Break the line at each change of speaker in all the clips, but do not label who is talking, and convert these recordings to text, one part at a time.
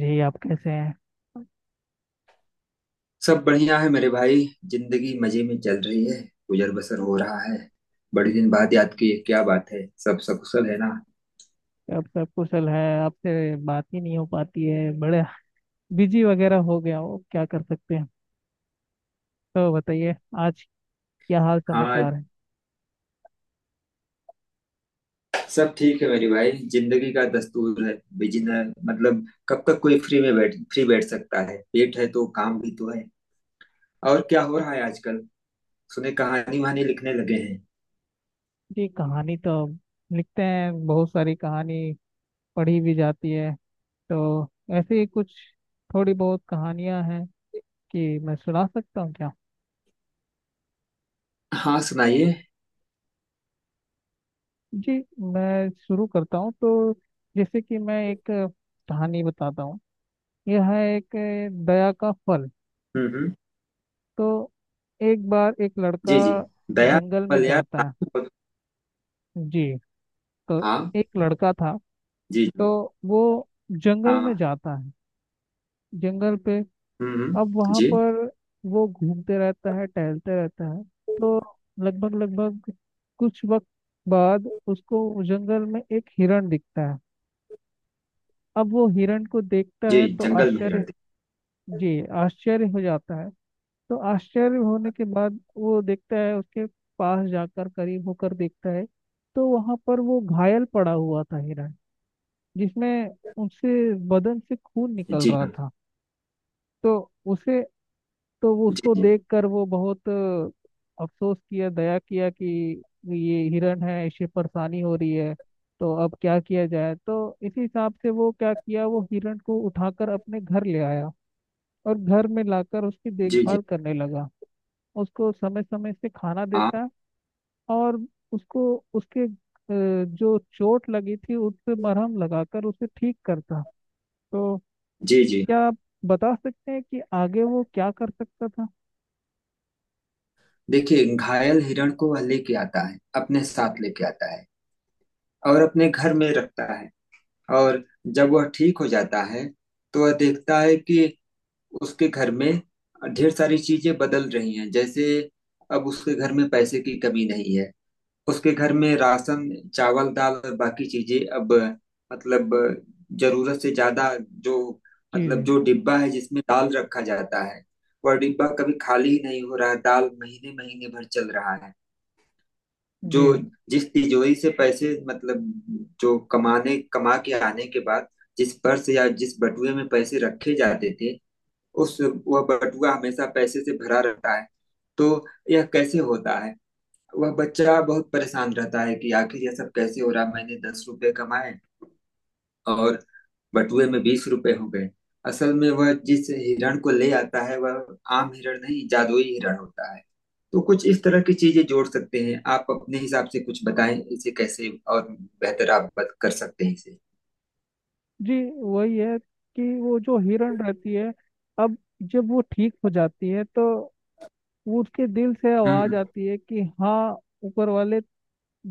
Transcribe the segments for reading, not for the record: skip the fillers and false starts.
जी, आप कैसे हैं।
सब बढ़िया है मेरे भाई। जिंदगी मजे में चल रही है। गुजर बसर हो रहा है। बड़े दिन बाद याद की, ये क्या बात है? सब सकुशल है ना?
आप सब कुशल है। आपसे बात ही नहीं हो पाती है। बड़े बिजी वगैरह हो गया हो, क्या कर सकते हैं। तो बताइए आज क्या हाल
हाँ,
समाचार है।
सब ठीक है मेरे भाई, जिंदगी का दस्तूर है। बिजनेस, मतलब कब तक कोई फ्री में बैठ सकता है? पेट है तो काम भी तो है। और क्या हो रहा है आजकल? सुने कहानी वहानी लिखने लगे हैं।
जी, कहानी तो लिखते हैं। बहुत सारी कहानी पढ़ी भी जाती है। तो ऐसे ही कुछ थोड़ी बहुत कहानियां हैं कि मैं सुना सकता हूँ क्या।
हाँ, सुनाइए।
जी, मैं शुरू करता हूँ तो। जैसे कि मैं एक कहानी बताता हूँ। यह है एक दया का फल।
हम्म।
तो एक बार एक लड़का
जी जी। दया।
जंगल में
मलयार
जाता है।
नाम बहुत-।
जी। तो
हाँ।
एक लड़का था।
जी
तो
जी।
वो जंगल में
हाँ।
जाता है। जंगल पे
हम्म।
अब वहाँ
जी
पर वो घूमते रहता है, टहलते रहता है। तो लगभग लगभग कुछ वक्त बाद उसको जंगल में एक हिरण दिखता है। अब वो हिरण को देखता
जी।
है तो
जंगल में
आश्चर्य।
हिरण?
जी, आश्चर्य हो जाता है। तो आश्चर्य होने के बाद वो देखता है, उसके पास जाकर करीब होकर देखता है। तो वहां पर वो घायल पड़ा हुआ था हिरण, जिसमें उससे बदन से खून निकल
जी
रहा
हाँ।
था। तो उसे तो वो
जी
उसको
जी।
देखकर वो बहुत अफसोस किया, दया किया कि ये हिरण है, इसे परेशानी हो रही है। तो अब क्या किया जाए, तो इसी हिसाब से वो क्या किया, वो हिरण को उठाकर अपने घर ले आया। और घर में लाकर उसकी
जी जी।
देखभाल करने लगा। उसको समय समय से खाना
हाँ।
देता। और उसको उसके जो चोट लगी थी उस पे मरहम लगाकर उसे ठीक करता। तो
जी जी।
क्या आप बता सकते हैं कि आगे वो क्या कर सकता था।
देखिए, घायल हिरण को वह लेके आता है, अपने साथ लेके आता है। और अपने घर में रखता है। और जब वह ठीक हो जाता है, तो वह देखता है कि उसके घर में ढेर सारी चीजें बदल रही हैं। जैसे अब उसके घर में पैसे की कमी नहीं है। उसके घर में राशन, चावल, दाल और बाकी चीजें अब, मतलब, जरूरत से ज्यादा। जो,
जी
मतलब,
जी,
जो डिब्बा है जिसमें दाल रखा जाता है, वह डिब्बा कभी खाली ही नहीं हो रहा है। दाल महीने महीने भर चल रहा है। जो,
जी जी
जिस तिजोरी से पैसे, मतलब, जो कमा के आने के बाद जिस पर्स या जिस बटुए में पैसे रखे जाते थे, उस वह बटुआ हमेशा पैसे से भरा रहता है। तो यह कैसे होता है? वह बच्चा बहुत परेशान रहता है कि आखिर यह सब कैसे हो रहा। मैंने 10 रुपए कमाए और बटुए में 20 रुपए हो गए। असल में वह जिस हिरण को ले आता है वह आम हिरण नहीं, जादुई हिरण होता है। तो कुछ इस तरह की चीजें जोड़ सकते हैं आप अपने हिसाब से। कुछ बताएं, इसे कैसे और बेहतर आप कर सकते हैं इसे।
जी। वही है कि वो जो हिरण रहती है, अब जब वो ठीक हो जाती है तो वो उसके दिल से
हम्म।
आवाज आती है कि हाँ, ऊपर वाले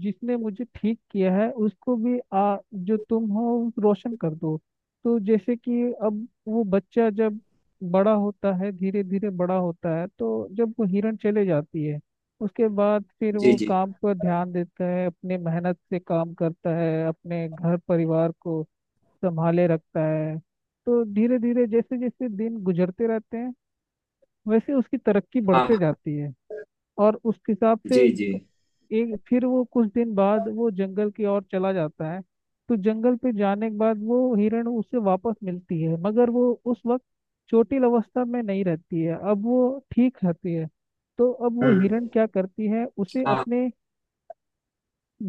जिसने मुझे ठीक किया है उसको भी आ, जो तुम हो रोशन कर दो। तो जैसे कि अब वो बच्चा जब बड़ा होता है, धीरे धीरे बड़ा होता है, तो जब वो हिरण चले जाती है उसके बाद फिर
जी
वो
जी।
काम पर ध्यान देता है, अपने मेहनत से काम करता है, अपने घर परिवार को संभाले रखता है। तो धीरे धीरे जैसे जैसे दिन गुजरते रहते हैं, वैसे उसकी तरक्की बढ़ते
हाँ।
जाती है। और उस हिसाब से
जी जी।
एक फिर वो कुछ दिन बाद वो जंगल की ओर चला जाता है। तो जंगल पे जाने के बाद वो हिरण उसे वापस मिलती है, मगर वो उस वक्त चोटिल अवस्था में नहीं रहती है, अब वो ठीक रहती है। तो अब वो
हम्म।
हिरण क्या करती है, उसे
हाँ।
अपने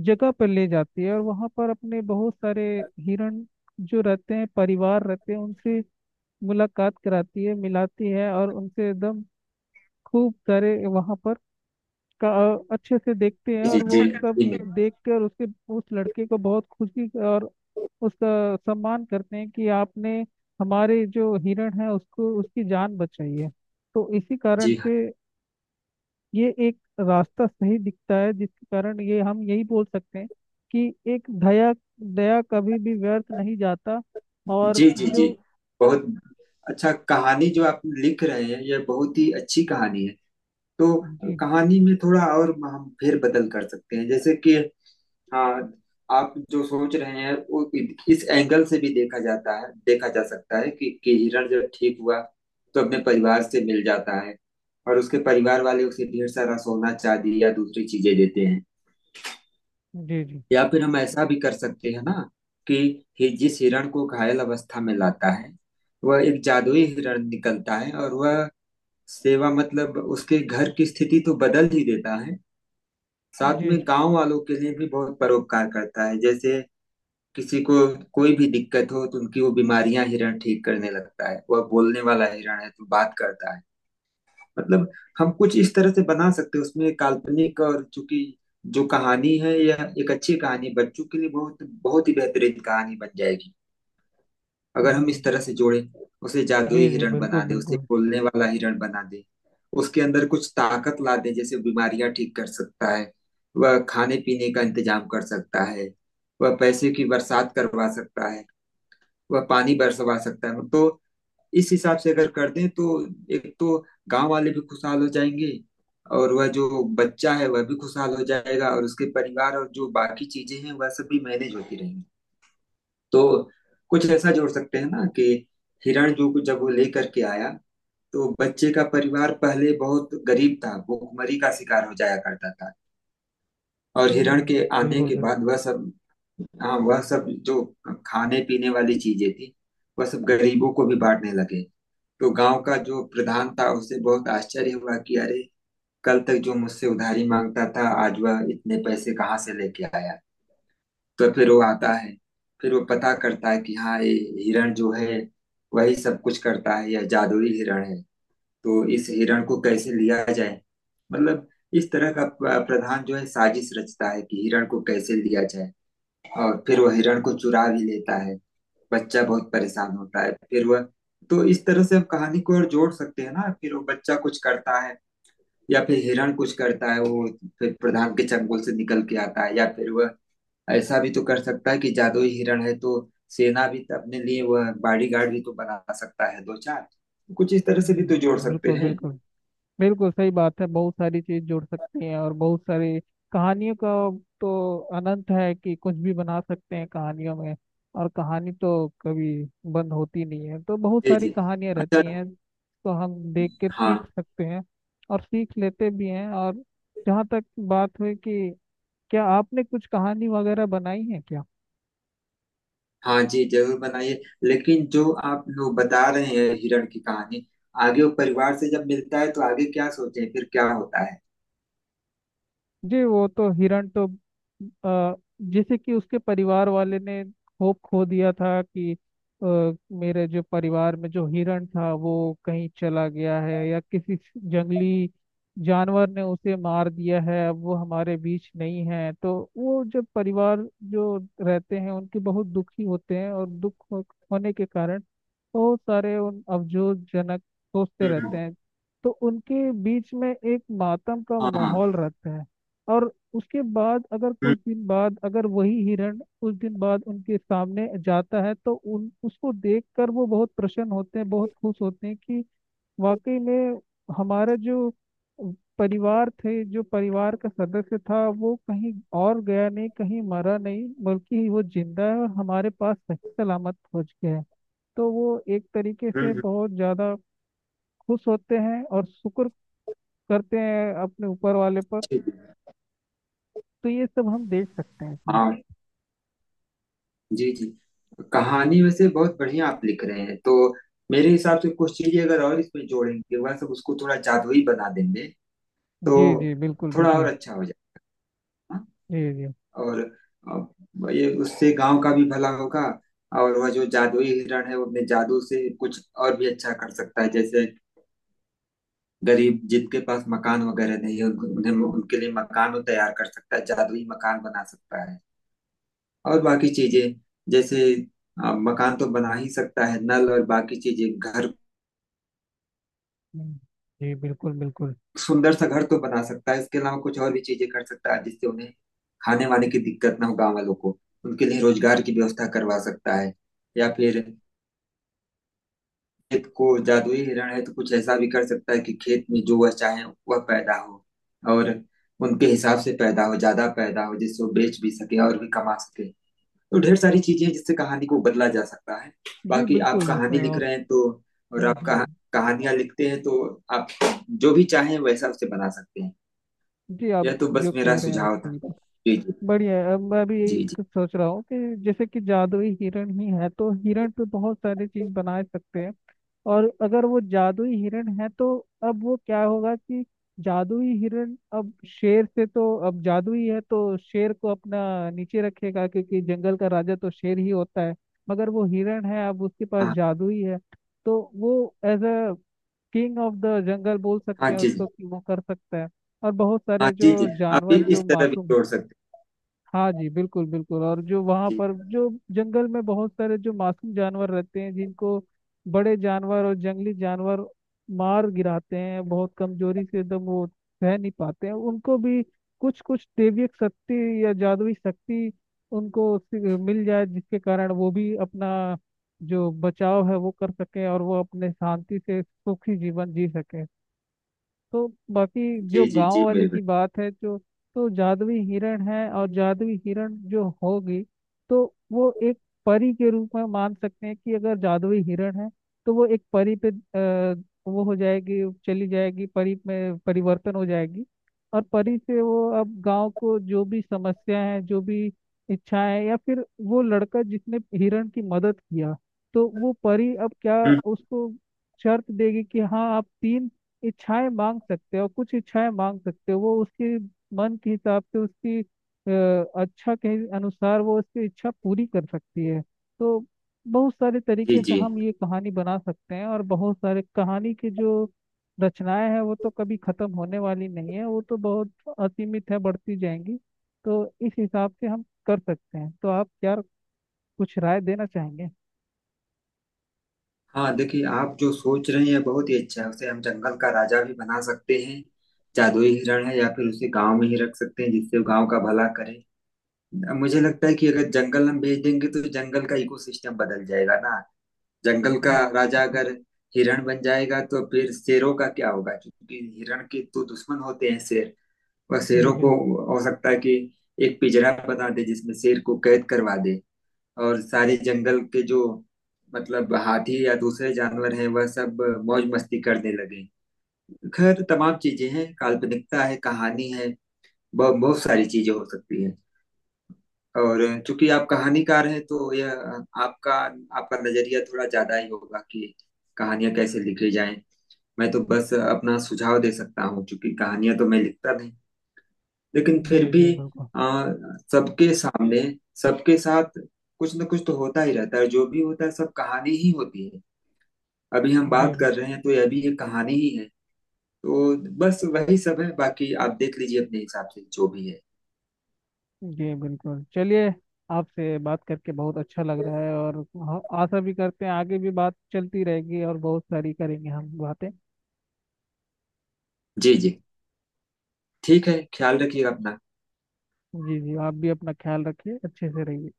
जगह पर ले जाती है और वहां पर अपने बहुत सारे हिरण जो रहते हैं, परिवार रहते हैं, उनसे मुलाकात कराती है, मिलाती है, और उनसे एकदम खूब सारे वहां पर का अच्छे से देखते हैं
जी जी।
और वो
जी
सब
जी मैम।
देख कर उसके उस लड़के को बहुत खुशी और उसका सम्मान करते हैं कि आपने हमारे जो हिरण है उसको, उसकी जान बचाई है। तो इसी कारण
जी हाँ।
से ये एक रास्ता सही दिखता है, जिसके कारण ये हम यही बोल सकते हैं कि एक दया दया कभी भी व्यर्थ नहीं जाता। और
जी जी
जो
जी। बहुत अच्छा कहानी जो आप लिख रहे हैं, यह बहुत ही अच्छी कहानी है। तो
जी
कहानी में थोड़ा और हम फेर बदल कर सकते हैं जैसे कि। हाँ, आप जो सोच रहे हैं वो इस एंगल से भी देखा जाता है, देखा जा सकता है कि हिरण जब ठीक हुआ तो अपने परिवार से मिल जाता है। और उसके परिवार वाले उसे ढेर सारा सोना चांदी या दूसरी चीजें देते हैं।
जी, जी
या फिर हम ऐसा भी कर सकते हैं ना, कि जिस हिरण को घायल अवस्था में लाता है, वह एक जादुई हिरण निकलता है। और वह सेवा, मतलब उसके घर की स्थिति तो बदल ही देता है, साथ
जी
में
जी।
गांव वालों के लिए भी बहुत परोपकार करता है। जैसे किसी को कोई भी दिक्कत हो तो उनकी वो बीमारियां हिरण ठीक करने लगता है। वह बोलने वाला हिरण है तो बात करता है, मतलब। हम कुछ इस तरह से बना सकते हैं उसमें काल्पनिक। और चूंकि जो कहानी है, यह एक अच्छी कहानी बच्चों के लिए बहुत बहुत ही बेहतरीन कहानी बन जाएगी, अगर हम
हम्म।
इस तरह से जोड़े। उसे
जी
जादुई
जी,
हिरण
बिल्कुल
बना दे, उसे
बिल्कुल।
बोलने वाला हिरण बना दे, उसके अंदर कुछ ताकत ला दे। जैसे बीमारियां ठीक कर सकता है, वह खाने पीने का इंतजाम कर सकता है, वह पैसे की बरसात करवा सकता है, वह पानी बरसवा सकता है। तो इस हिसाब से अगर कर दें तो एक तो गांव वाले भी खुशहाल हो जाएंगे, और वह जो बच्चा है वह भी खुशहाल हो जाएगा, और उसके परिवार और जो बाकी चीजें हैं वह सब भी मैनेज होती रहेंगी। तो कुछ ऐसा जोड़ सकते हैं ना कि हिरण जब वो लेकर के आया तो बच्चे का परिवार पहले बहुत गरीब था, भूखमरी का शिकार हो जाया करता था। और हिरण
हम्म,
के आने
बिल्कुल
के
बिल्कुल।
बाद वह सब, हाँ, वह सब जो खाने पीने वाली चीजें थी, वह सब गरीबों को भी बांटने लगे। तो गांव का जो प्रधान था उसे बहुत आश्चर्य हुआ कि अरे, कल तक जो मुझसे उधारी मांगता था आज वह इतने पैसे कहाँ से लेके आया? तो फिर वो आता है, फिर वो पता करता है कि हाँ, ये हिरण जो है वही सब कुछ करता है, यह जादुई हिरण है। तो इस हिरण को कैसे लिया जाए, मतलब। इस तरह का प्रधान जो है साजिश रचता है कि हिरण को कैसे लिया जाए। और फिर वो हिरण को चुरा भी लेता है। बच्चा बहुत परेशान होता है। फिर वह, तो इस तरह से हम कहानी को और जोड़ सकते हैं ना। फिर वो बच्चा कुछ करता है, या फिर हिरण कुछ करता है, वो फिर प्रधान के चंगुल से निकल के आता है। या फिर वह ऐसा भी तो कर सकता है कि जादुई हिरण है तो सेना भी तो अपने लिए, वह बॉडीगार्ड भी तो बना सकता है दो चार। कुछ इस तरह से भी तो जोड़
हम्म,
सकते
बिल्कुल
हैं।
बिल्कुल। बिल्कुल सही बात है। बहुत सारी चीज जुड़ सकती हैं और बहुत सारी कहानियों का तो अनंत है कि कुछ भी बना सकते हैं कहानियों में। और कहानी तो कभी बंद होती नहीं है, तो बहुत
जी
सारी
जी।
कहानियां
अच्छा।
रहती हैं, तो हम देख कर
हाँ।
सीख सकते हैं और सीख लेते भी हैं। और जहाँ तक बात हुई कि क्या आपने कुछ कहानी वगैरह बनाई है क्या।
हाँ जी, जरूर बनाइए। लेकिन जो आप लोग बता रहे हैं हिरण की कहानी, आगे वो परिवार से जब मिलता है तो आगे क्या सोचें, फिर क्या होता है?
जी, वो तो हिरण तो अ, जैसे कि उसके परिवार वाले ने होप खो दिया था कि अ, मेरे जो परिवार में जो हिरण था, वो कहीं चला गया है या किसी जंगली जानवर ने उसे मार दिया है, अब वो हमारे बीच नहीं है। तो वो जो परिवार जो रहते हैं उनके बहुत दुखी होते हैं और होने के कारण बहुत सारे उन अफसोसजनक सोचते रहते
हम्म।
हैं। तो उनके बीच में एक मातम का
हाँ हाँ।
माहौल रहता है। और उसके बाद अगर
हम्म
कुछ दिन बाद अगर वही हिरण कुछ दिन बाद उनके सामने जाता है तो उन उसको देखकर वो बहुत प्रसन्न होते हैं, बहुत खुश होते हैं कि वाकई में हमारा जो परिवार थे, जो परिवार का सदस्य था वो कहीं और गया नहीं, कहीं मरा नहीं, बल्कि वो जिंदा है और हमारे पास सही सलामत पहुंच गया है। तो वो एक तरीके से
हम्म।
बहुत ज्यादा खुश होते हैं और शुक्र करते हैं अपने ऊपर वाले पर।
ठीक है।
तो ये सब हम देख सकते हैं इसमें।
हाँ। जी जी। कहानी वैसे बहुत बढ़िया आप लिख रहे हैं तो मेरे हिसाब से कुछ चीजें अगर और इसमें जोड़ेंगे, वह सब उसको थोड़ा जादुई बना देंगे। तो
जी जी, बिल्कुल
थोड़ा और
बिल्कुल।
अच्छा हो जाएगा।
जी जी।
और ये, उससे गांव का भी भला होगा। और वह जो जादुई हिरण है वो अपने जादू से कुछ और भी अच्छा कर सकता है। जैसे गरीब जिनके पास मकान वगैरह नहीं है उन्हें, उनके लिए मकान वो तैयार कर सकता है, जादुई मकान बना सकता है। और बाकी चीजें जैसे, मकान तो बना ही सकता है, नल और बाकी चीजें, घर,
हम्म, जी बिल्कुल बिल्कुल।
सुंदर सा घर तो बना सकता है। इसके अलावा कुछ और भी चीजें कर सकता है जिससे उन्हें खाने वाने की दिक्कत ना हो गाँव वालों को। उनके लिए रोजगार की व्यवस्था करवा सकता है। या फिर खेत को, जादुई हिरण है तो कुछ ऐसा भी कर सकता है कि खेत में जो वह चाहे वह पैदा हो, और उनके हिसाब से पैदा हो, ज्यादा पैदा हो, जिससे वो बेच भी सके और भी कमा सके। तो ढेर सारी चीजें हैं जिससे कहानी को बदला जा सकता है।
जी
बाकी आप
बिल्कुल इसमें
कहानी लिख
और
रहे हैं तो। और आप
हम्म।
कहानियां लिखते हैं तो आप जो भी चाहें वैसा उसे बना सकते हैं।
जी, आप
यह तो बस
जो
मेरा
कह रहे हैं
सुझाव
उससे
था।
बिल्कुल
जी जी।
बढ़िया है। अब मैं भी यही
जी जी।
कुछ सोच रहा हूँ कि जैसे कि जादुई हिरण ही है तो हिरण पे बहुत सारी चीज बना सकते हैं। और अगर वो जादुई हिरण है तो अब वो क्या होगा कि जादुई हिरण अब शेर से तो अब जादुई है तो शेर को अपना नीचे रखेगा, क्योंकि जंगल का राजा तो शेर ही होता है, मगर वो हिरण है, अब उसके पास
हाँ।
जादुई है। तो वो as a king of the jungle बोल
हाँ।
सकते हैं
जी जी।
उसको कि वो कर सकता है। और बहुत
हाँ।
सारे जो
जी जी। आप
जानवर जो
इस तरह भी
मासूम,
जोड़ सकते
हाँ जी बिल्कुल बिल्कुल, और जो वहाँ
हैं जी।
पर जो जंगल में बहुत सारे जो मासूम जानवर रहते हैं जिनको बड़े जानवर और जंगली जानवर मार गिराते हैं, बहुत कमजोरी से एकदम वो सह नहीं पाते हैं, उनको भी कुछ कुछ दैवीय शक्ति या जादुई शक्ति उनको मिल जाए, जिसके कारण वो भी अपना जो बचाव है वो कर सके और वो अपने शांति से सुखी जीवन जी सके। तो बाकी जो
जी जी
गांव
जी
वाले
मेरे भाई।
की बात है जो, तो जादुई हिरण है और जादुई हिरण जो होगी तो वो एक परी के रूप में मान सकते हैं कि अगर जादुई हिरण है तो वो एक परी पे वो हो जाएगी, चली जाएगी, परी में परिवर्तन हो जाएगी। और परी से वो अब गांव को जो भी समस्या है, जो भी इच्छाएं, या फिर वो लड़का जिसने हिरण की मदद किया, तो वो परी अब क्या
हम्म।
उसको शर्त देगी कि हाँ आप 3 इच्छाएं मांग सकते हो, कुछ इच्छाएं मांग सकते हो, वो उसके मन के हिसाब से उसकी अच्छा के अनुसार वो उसकी इच्छा पूरी कर सकती है। तो बहुत सारे
जी
तरीके से
जी।
हम ये कहानी बना सकते हैं। और बहुत सारे कहानी की जो रचनाएं हैं वो तो कभी खत्म होने वाली नहीं है, वो तो बहुत असीमित है, बढ़ती जाएंगी। तो इस हिसाब से हम कर सकते हैं। तो आप क्या कुछ राय देना चाहेंगे।
हाँ, देखिए, आप जो सोच रहे हैं बहुत ही अच्छा है। उसे हम जंगल का राजा भी बना सकते हैं, जादुई हिरण है, या फिर उसे गांव में ही रख सकते हैं जिससे वो गांव का भला करे। मुझे लगता है कि अगर जंगल हम भेज देंगे तो जंगल का इकोसिस्टम बदल जाएगा ना। जंगल
जी
का राजा
जी,
अगर हिरण बन जाएगा तो फिर शेरों का क्या होगा, क्योंकि हिरण के तो दुश्मन होते हैं शेर। वह
जी
शेरों को,
बिल्कुल।
हो सकता है कि एक पिंजरा बना दे जिसमें शेर को कैद करवा दे। और सारे जंगल के जो, मतलब हाथी या दूसरे जानवर हैं वह सब मौज मस्ती करने लगे। खैर, तमाम चीजें हैं, काल्पनिकता है, कहानी है, बहुत बहुत सारी चीजें हो सकती है। और चूंकि आप कहानीकार हैं तो यह, आपका, आपका नजरिया थोड़ा ज्यादा ही होगा कि कहानियां कैसे लिखी जाएं। मैं तो बस अपना सुझाव दे सकता हूँ क्योंकि कहानियां तो मैं लिखता नहीं। लेकिन
जी
फिर भी
जी बिल्कुल।
आ, सबके सामने, सबके साथ कुछ ना कुछ तो होता ही रहता है। जो भी होता है सब कहानी ही होती है। अभी हम
जी
बात
बिल्कुल।
कर रहे हैं तो यह भी एक कहानी ही है। तो बस वही सब है। बाकी आप देख लीजिए अपने हिसाब से जो भी है।
जी बिल्कुल चलिए, आपसे बात करके बहुत अच्छा लग रहा है। और आशा भी करते हैं आगे भी बात चलती रहेगी और बहुत सारी करेंगे हम बातें।
जी जी। ठीक है, ख्याल रखिए अपना।
जी जी, आप भी अपना ख्याल रखिए, अच्छे से रहिए।